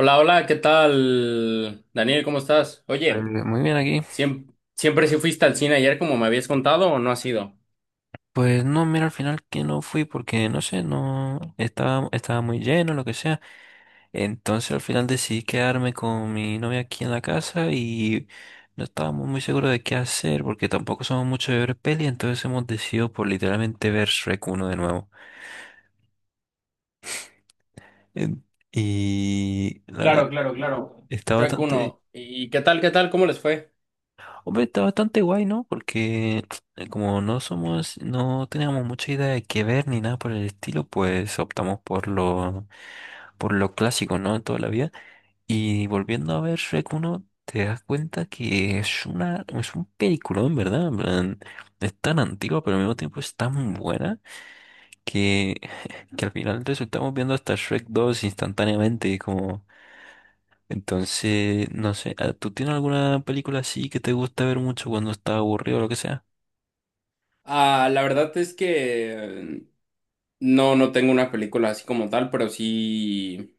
Hola, hola, ¿qué tal? Daniel, ¿cómo estás? Oye, Muy bien aquí. ¿siempre sí fuiste al cine ayer como me habías contado o no has ido? Pues no, mira, al final que no fui porque no sé, no estaba, estaba muy lleno, lo que sea. Entonces al final decidí quedarme con mi novia aquí en la casa y no estábamos muy seguros de qué hacer porque tampoco somos mucho de ver peli, entonces hemos decidido por literalmente ver Shrek uno de nuevo. En- Y la verdad Claro, claro, que claro. está Shrek bastante. uno, ¿y qué tal, qué tal? ¿Cómo les fue? Hombre, está bastante guay, ¿no? Porque como no teníamos mucha idea de qué ver ni nada por el estilo, pues optamos por lo clásico, ¿no? Toda la vida. Y volviendo a ver Shrek uno, te das cuenta que es un peliculón, ¿verdad? En plan, es tan antigua, pero al mismo tiempo es tan buena que, que al final resultamos viendo hasta Shrek dos instantáneamente, y como. Entonces, no sé, ¿tú tienes alguna película así que te gusta ver mucho cuando estás aburrido o lo que sea? Ah, la verdad es que no, no tengo una película así como tal, pero sí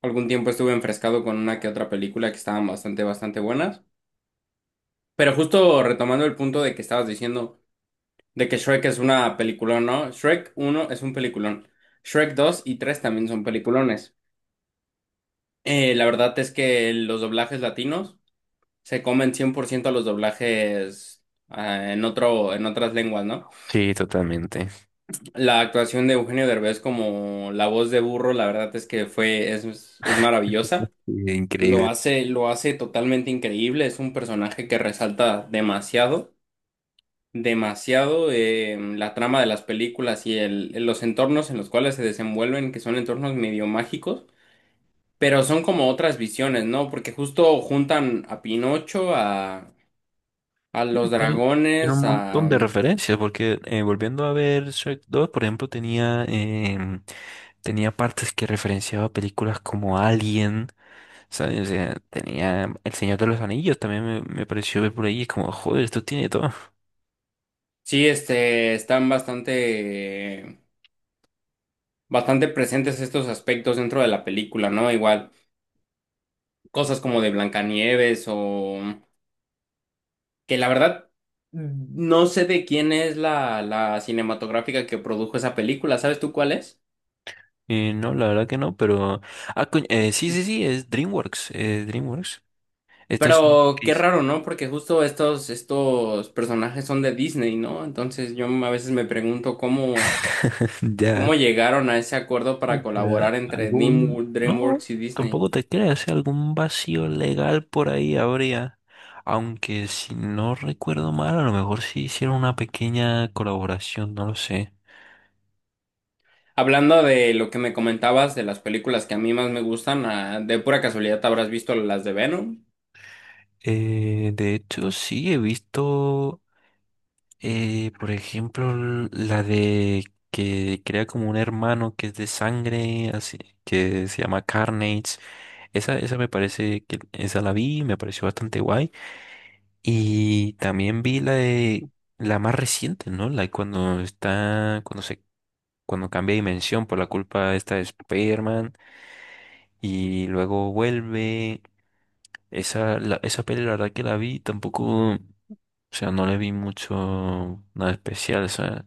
algún tiempo estuve enfrescado con una que otra película que estaban bastante, bastante buenas. Pero justo retomando el punto de que estabas diciendo de que Shrek es una peliculón, ¿no? Shrek uno es un peliculón. Shrek 2 y 3 también son peliculones. La verdad es que los doblajes latinos se comen 100% a los doblajes en otras lenguas, ¿no? Sí, totalmente. La actuación de Eugenio Derbez como la voz de burro, la verdad es que fue, es maravillosa. Sí, Lo increíble. hace, lo hace totalmente increíble. Es un personaje que resalta demasiado, demasiado la trama de las películas y los entornos en los cuales se desenvuelven, que son entornos medio mágicos. Pero son como otras visiones, ¿no? Porque justo juntan a Pinocho, a Sí, los tiene un dragones, montón a... de referencias, porque volviendo a ver Shrek dos, por ejemplo, tenía partes que referenciaba películas como Alien, ¿sabes? O sea, tenía El Señor de los Anillos, también me pareció ver por ahí, es como, joder, esto tiene todo. Sí, este, están bastante, bastante presentes estos aspectos dentro de la película, ¿no? Igual, cosas como de Blancanieves o... Que la verdad, no sé de quién es la cinematográfica que produjo esa película, ¿sabes tú cuál es? Y no, la verdad que no, pero. Ah, coño, sí, sí, sí, es DreamWorks. Estos son los Pero que qué raro, ¿no? Porque justo estos personajes son de Disney, ¿no? Entonces yo a veces me pregunto cómo, Ya. cómo llegaron a ese acuerdo para colaborar entre No, DreamWorks y Disney. tampoco te creas, ¿eh? Algún vacío legal por ahí habría. Aunque si no recuerdo mal, a lo mejor sí hicieron una pequeña colaboración, no lo sé. Hablando de lo que me comentabas de las películas que a mí más me gustan, de pura casualidad te habrás visto las de Venom, De hecho, sí he visto, por ejemplo, la de que crea como un hermano que es de sangre, así que se llama Carnage. Esa me parece que esa la vi, me pareció bastante guay. Y también vi la de la más reciente, ¿no? La cuando cuando cambia de dimensión por la culpa esta de Spider-Man y luego vuelve. Esa, esa peli, la verdad que la vi, tampoco, o sea, no le vi mucho nada especial, o sea,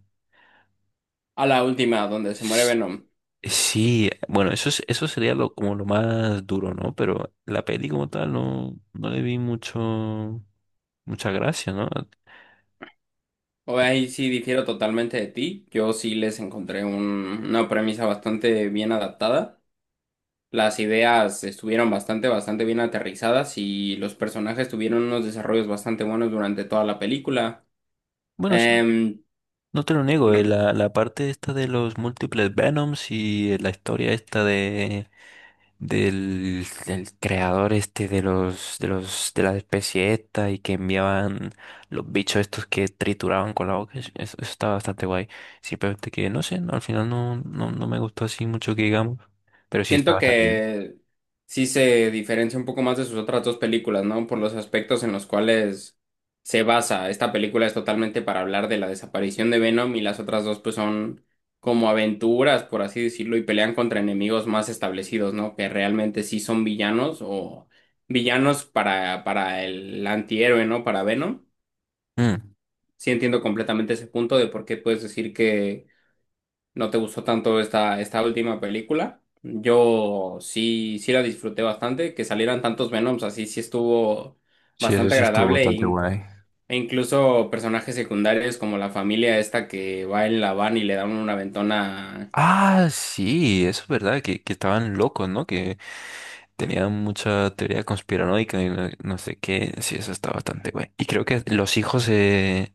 a la última, donde se muere s- Venom. sí, bueno, eso es, eso sería lo, como lo más duro, ¿no? Pero la peli como tal no, no le vi mucha gracia, ¿no? O ahí sí difiero totalmente de ti. Yo sí les encontré una premisa bastante bien adaptada. Las ideas estuvieron bastante, bastante bien aterrizadas y los personajes tuvieron unos desarrollos bastante buenos durante toda la película. Bueno, sí. Em, No te lo niego, la, la parte esta de los múltiples Venoms y la historia esta del creador este de los de los de la especie esta y que enviaban los bichos estos que trituraban con la boca, eso está bastante guay. Simplemente que no sé, no, al final no me gustó así mucho que digamos, pero sí está Siento bastante bien. que sí se diferencia un poco más de sus otras dos películas, ¿no? Por los aspectos en los cuales se basa. Esta película es totalmente para hablar de la desaparición de Venom y las otras dos pues son como aventuras, por así decirlo, y pelean contra enemigos más establecidos, ¿no? Que realmente sí son villanos o villanos para el antihéroe, ¿no? Para Venom. Mm, Sí entiendo completamente ese punto de por qué puedes decir que ¿no te gustó tanto esta última película? Yo sí, sí la disfruté bastante, que salieran tantos Venoms así, sí estuvo sí, eso bastante sí estuvo agradable bastante guay. e incluso personajes secundarios como la familia esta que va en la van y le dan una ventona. Ah, sí, eso es verdad, que estaban locos, ¿no? Que tenía mucha teoría conspiranoica y no sé qué. Sí, eso está bastante güey. Y creo que los hijos,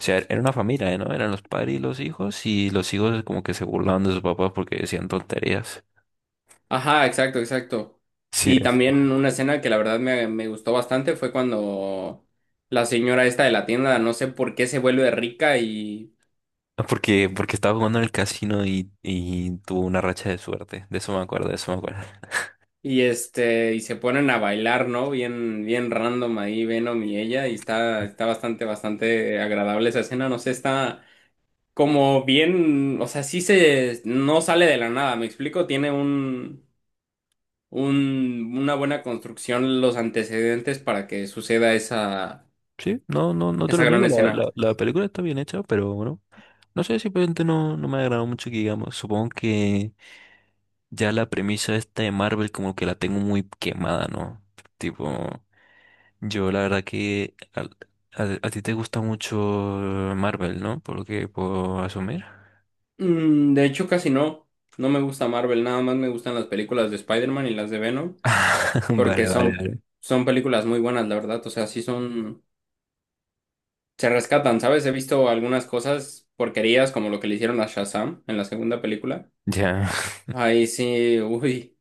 o sea, era una familia, ¿no? Eran los padres y los hijos. Y los hijos como que se burlaban de sus papás porque decían tonterías. Ajá, exacto, exacto. Sí, Y eso. también una escena que la verdad me gustó bastante fue cuando la señora esta de la tienda, no sé por qué se vuelve rica. Porque estaba jugando en el casino y tuvo una racha de suerte. De eso me acuerdo, de eso me acuerdo. Y este, y se ponen a bailar, ¿no? Bien, bien random ahí, Venom y ella, y está bastante, bastante agradable esa escena, no sé, está como bien, o sea, no sale de la nada, ¿me explico? Tiene una buena construcción los antecedentes para que suceda esa, Sí, no, no te esa lo gran niego. La, escena. la, la película está bien hecha, pero bueno. No sé, simplemente no me agradó mucho que digamos. Supongo que ya la premisa esta de Marvel como que la tengo muy quemada, ¿no? Tipo, yo la verdad que a ti te gusta mucho Marvel, ¿no? Por lo que puedo asumir. De hecho, casi no, no me gusta Marvel, nada más me gustan las películas de Spider-Man y las de Venom, porque Vale, vale, son, vale. son películas muy buenas, la verdad, o sea, sí son se rescatan, ¿sabes? He visto algunas cosas porquerías como lo que le hicieron a Shazam en la segunda película. Ya. Ahí sí, uy,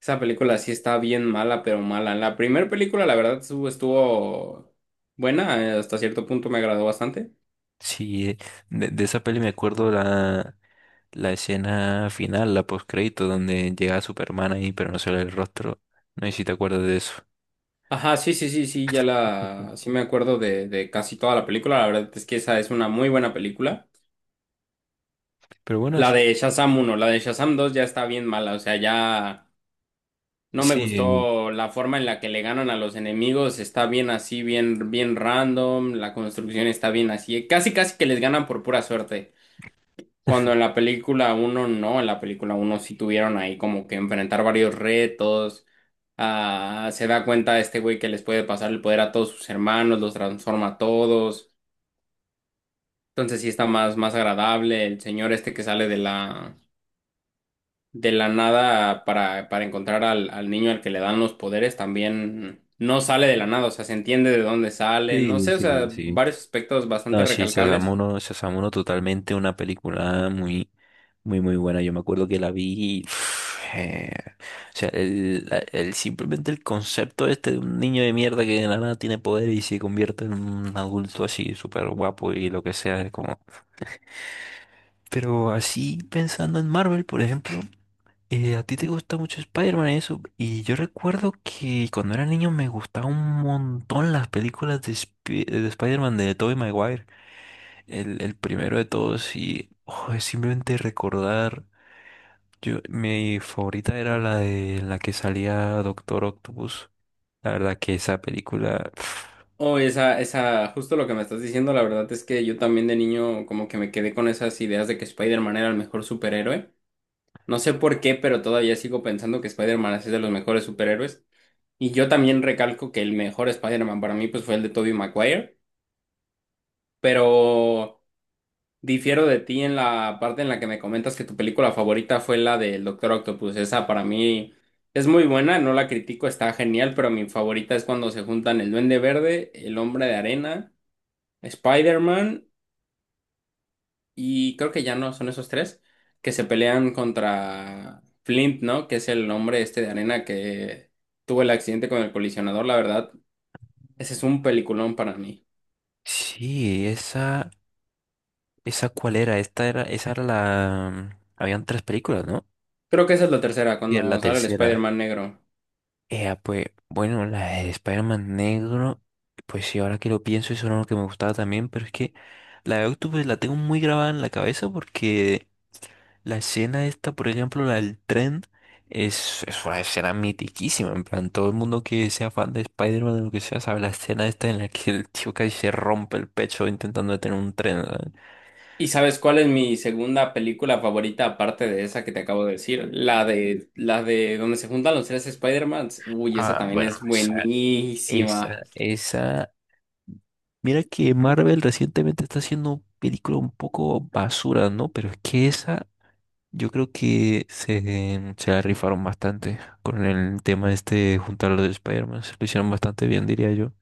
esa película sí está bien mala, pero mala. La primera película, la verdad, estuvo buena, hasta cierto punto me agradó bastante. Sí, de esa peli me acuerdo la escena final, la postcrédito, donde llega Superman ahí, pero no se le ve el rostro. No sé si te acuerdas de eso. Ajá, sí, sí, sí, sí, sí me acuerdo de, casi toda la película, la verdad es que esa es una muy buena película. Pero bueno, La sí. de Shazam uno la de Shazam 2 ya está bien mala, o sea, ya... No me Sí, gustó la forma en la que le ganan a los enemigos, está bien así, bien, bien random, la construcción está bien así, casi casi que les ganan por pura suerte. Cuando en la película uno no, en la película uno sí tuvieron ahí como que enfrentar varios retos, se da cuenta este güey que les puede pasar el poder a todos sus hermanos, los transforma a todos, entonces sí está más, más agradable el señor este que sale de la nada para encontrar al niño al que le dan los poderes también no sale de la nada, o sea, se entiende de dónde sale, no sí, sé, o sí, sea, sí. varios aspectos bastante No, sí, recalcables. Sasamuno totalmente una película muy, muy, muy buena. Yo me acuerdo que la vi y, uf, o sea, simplemente el concepto este de un niño de mierda que de la nada tiene poder y se convierte en un adulto así súper guapo y lo que sea, es como. Pero así pensando en Marvel, por ejemplo, a ti te gusta mucho Spider-Man y eso, y yo recuerdo que cuando era niño me gustaban un montón las películas de Spider-Man de Tobey Maguire. El primero de todos y oh, es simplemente recordar. Yo, mi favorita era la de la que salía Doctor Octopus. La verdad que esa película. O esa, justo lo que me estás diciendo, la verdad es que yo también de niño como que me quedé con esas ideas de que Spider-Man era el mejor superhéroe. No sé por qué, pero todavía sigo pensando que Spider-Man es de los mejores superhéroes. Y yo también recalco que el mejor Spider-Man para mí pues fue el de Tobey Maguire, pero difiero de ti en la parte en la que me comentas que tu película favorita fue la del Doctor Octopus. Esa para mí es muy buena, no la critico, está genial, pero mi favorita es cuando se juntan el Duende Verde, el Hombre de Arena, Spider-Man y creo que ya no son esos tres que se pelean contra Flint, ¿no? Que es el hombre este de arena que tuvo el accidente con el colisionador, la verdad. Ese es un peliculón para mí. Sí, esa. ¿Esa cuál era? Esta era, esa era la. Habían tres películas, ¿no? Creo que esa es la tercera, Y era la cuando sale el tercera. Spider-Man negro. Pues, bueno, la de Spider-Man negro. Pues sí, ahora que lo pienso, eso era lo que me gustaba también. Pero es que la de Octopus la tengo muy grabada en la cabeza porque. La escena esta, por ejemplo, la del tren, es una escena mitiquísima. En plan, todo el mundo que sea fan de Spider-Man o lo que sea sabe la escena esta en la que el tío casi se rompe el pecho intentando detener un tren. ¿Sabes? ¿Y sabes cuál es mi segunda película favorita aparte de esa que te acabo de decir? La de donde se juntan los tres Spider-Mans. Uy, esa Ah, también bueno, es esa, buenísima. esa, esa. Mira que Marvel recientemente está haciendo películas un poco basura, ¿no? Pero es que esa, yo creo que se la rifaron bastante con el tema este de juntar los Spider-Man. Se lo hicieron bastante bien, diría yo.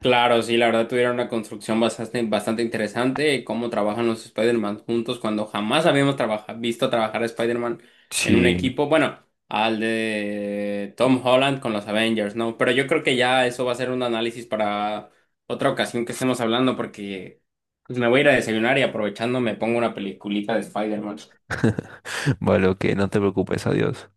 Claro, sí, la verdad tuvieron una construcción bastante, bastante interesante, cómo trabajan los Spider-Man juntos cuando jamás visto trabajar a Spider-Man en un Sí, equipo, bueno, al de Tom Holland con los Avengers, ¿no? Pero yo creo que ya eso va a ser un análisis para otra ocasión que estemos hablando porque pues me voy a ir a desayunar y aprovechando me pongo una peliculita de Spider-Man. vale, ok, no te preocupes, adiós.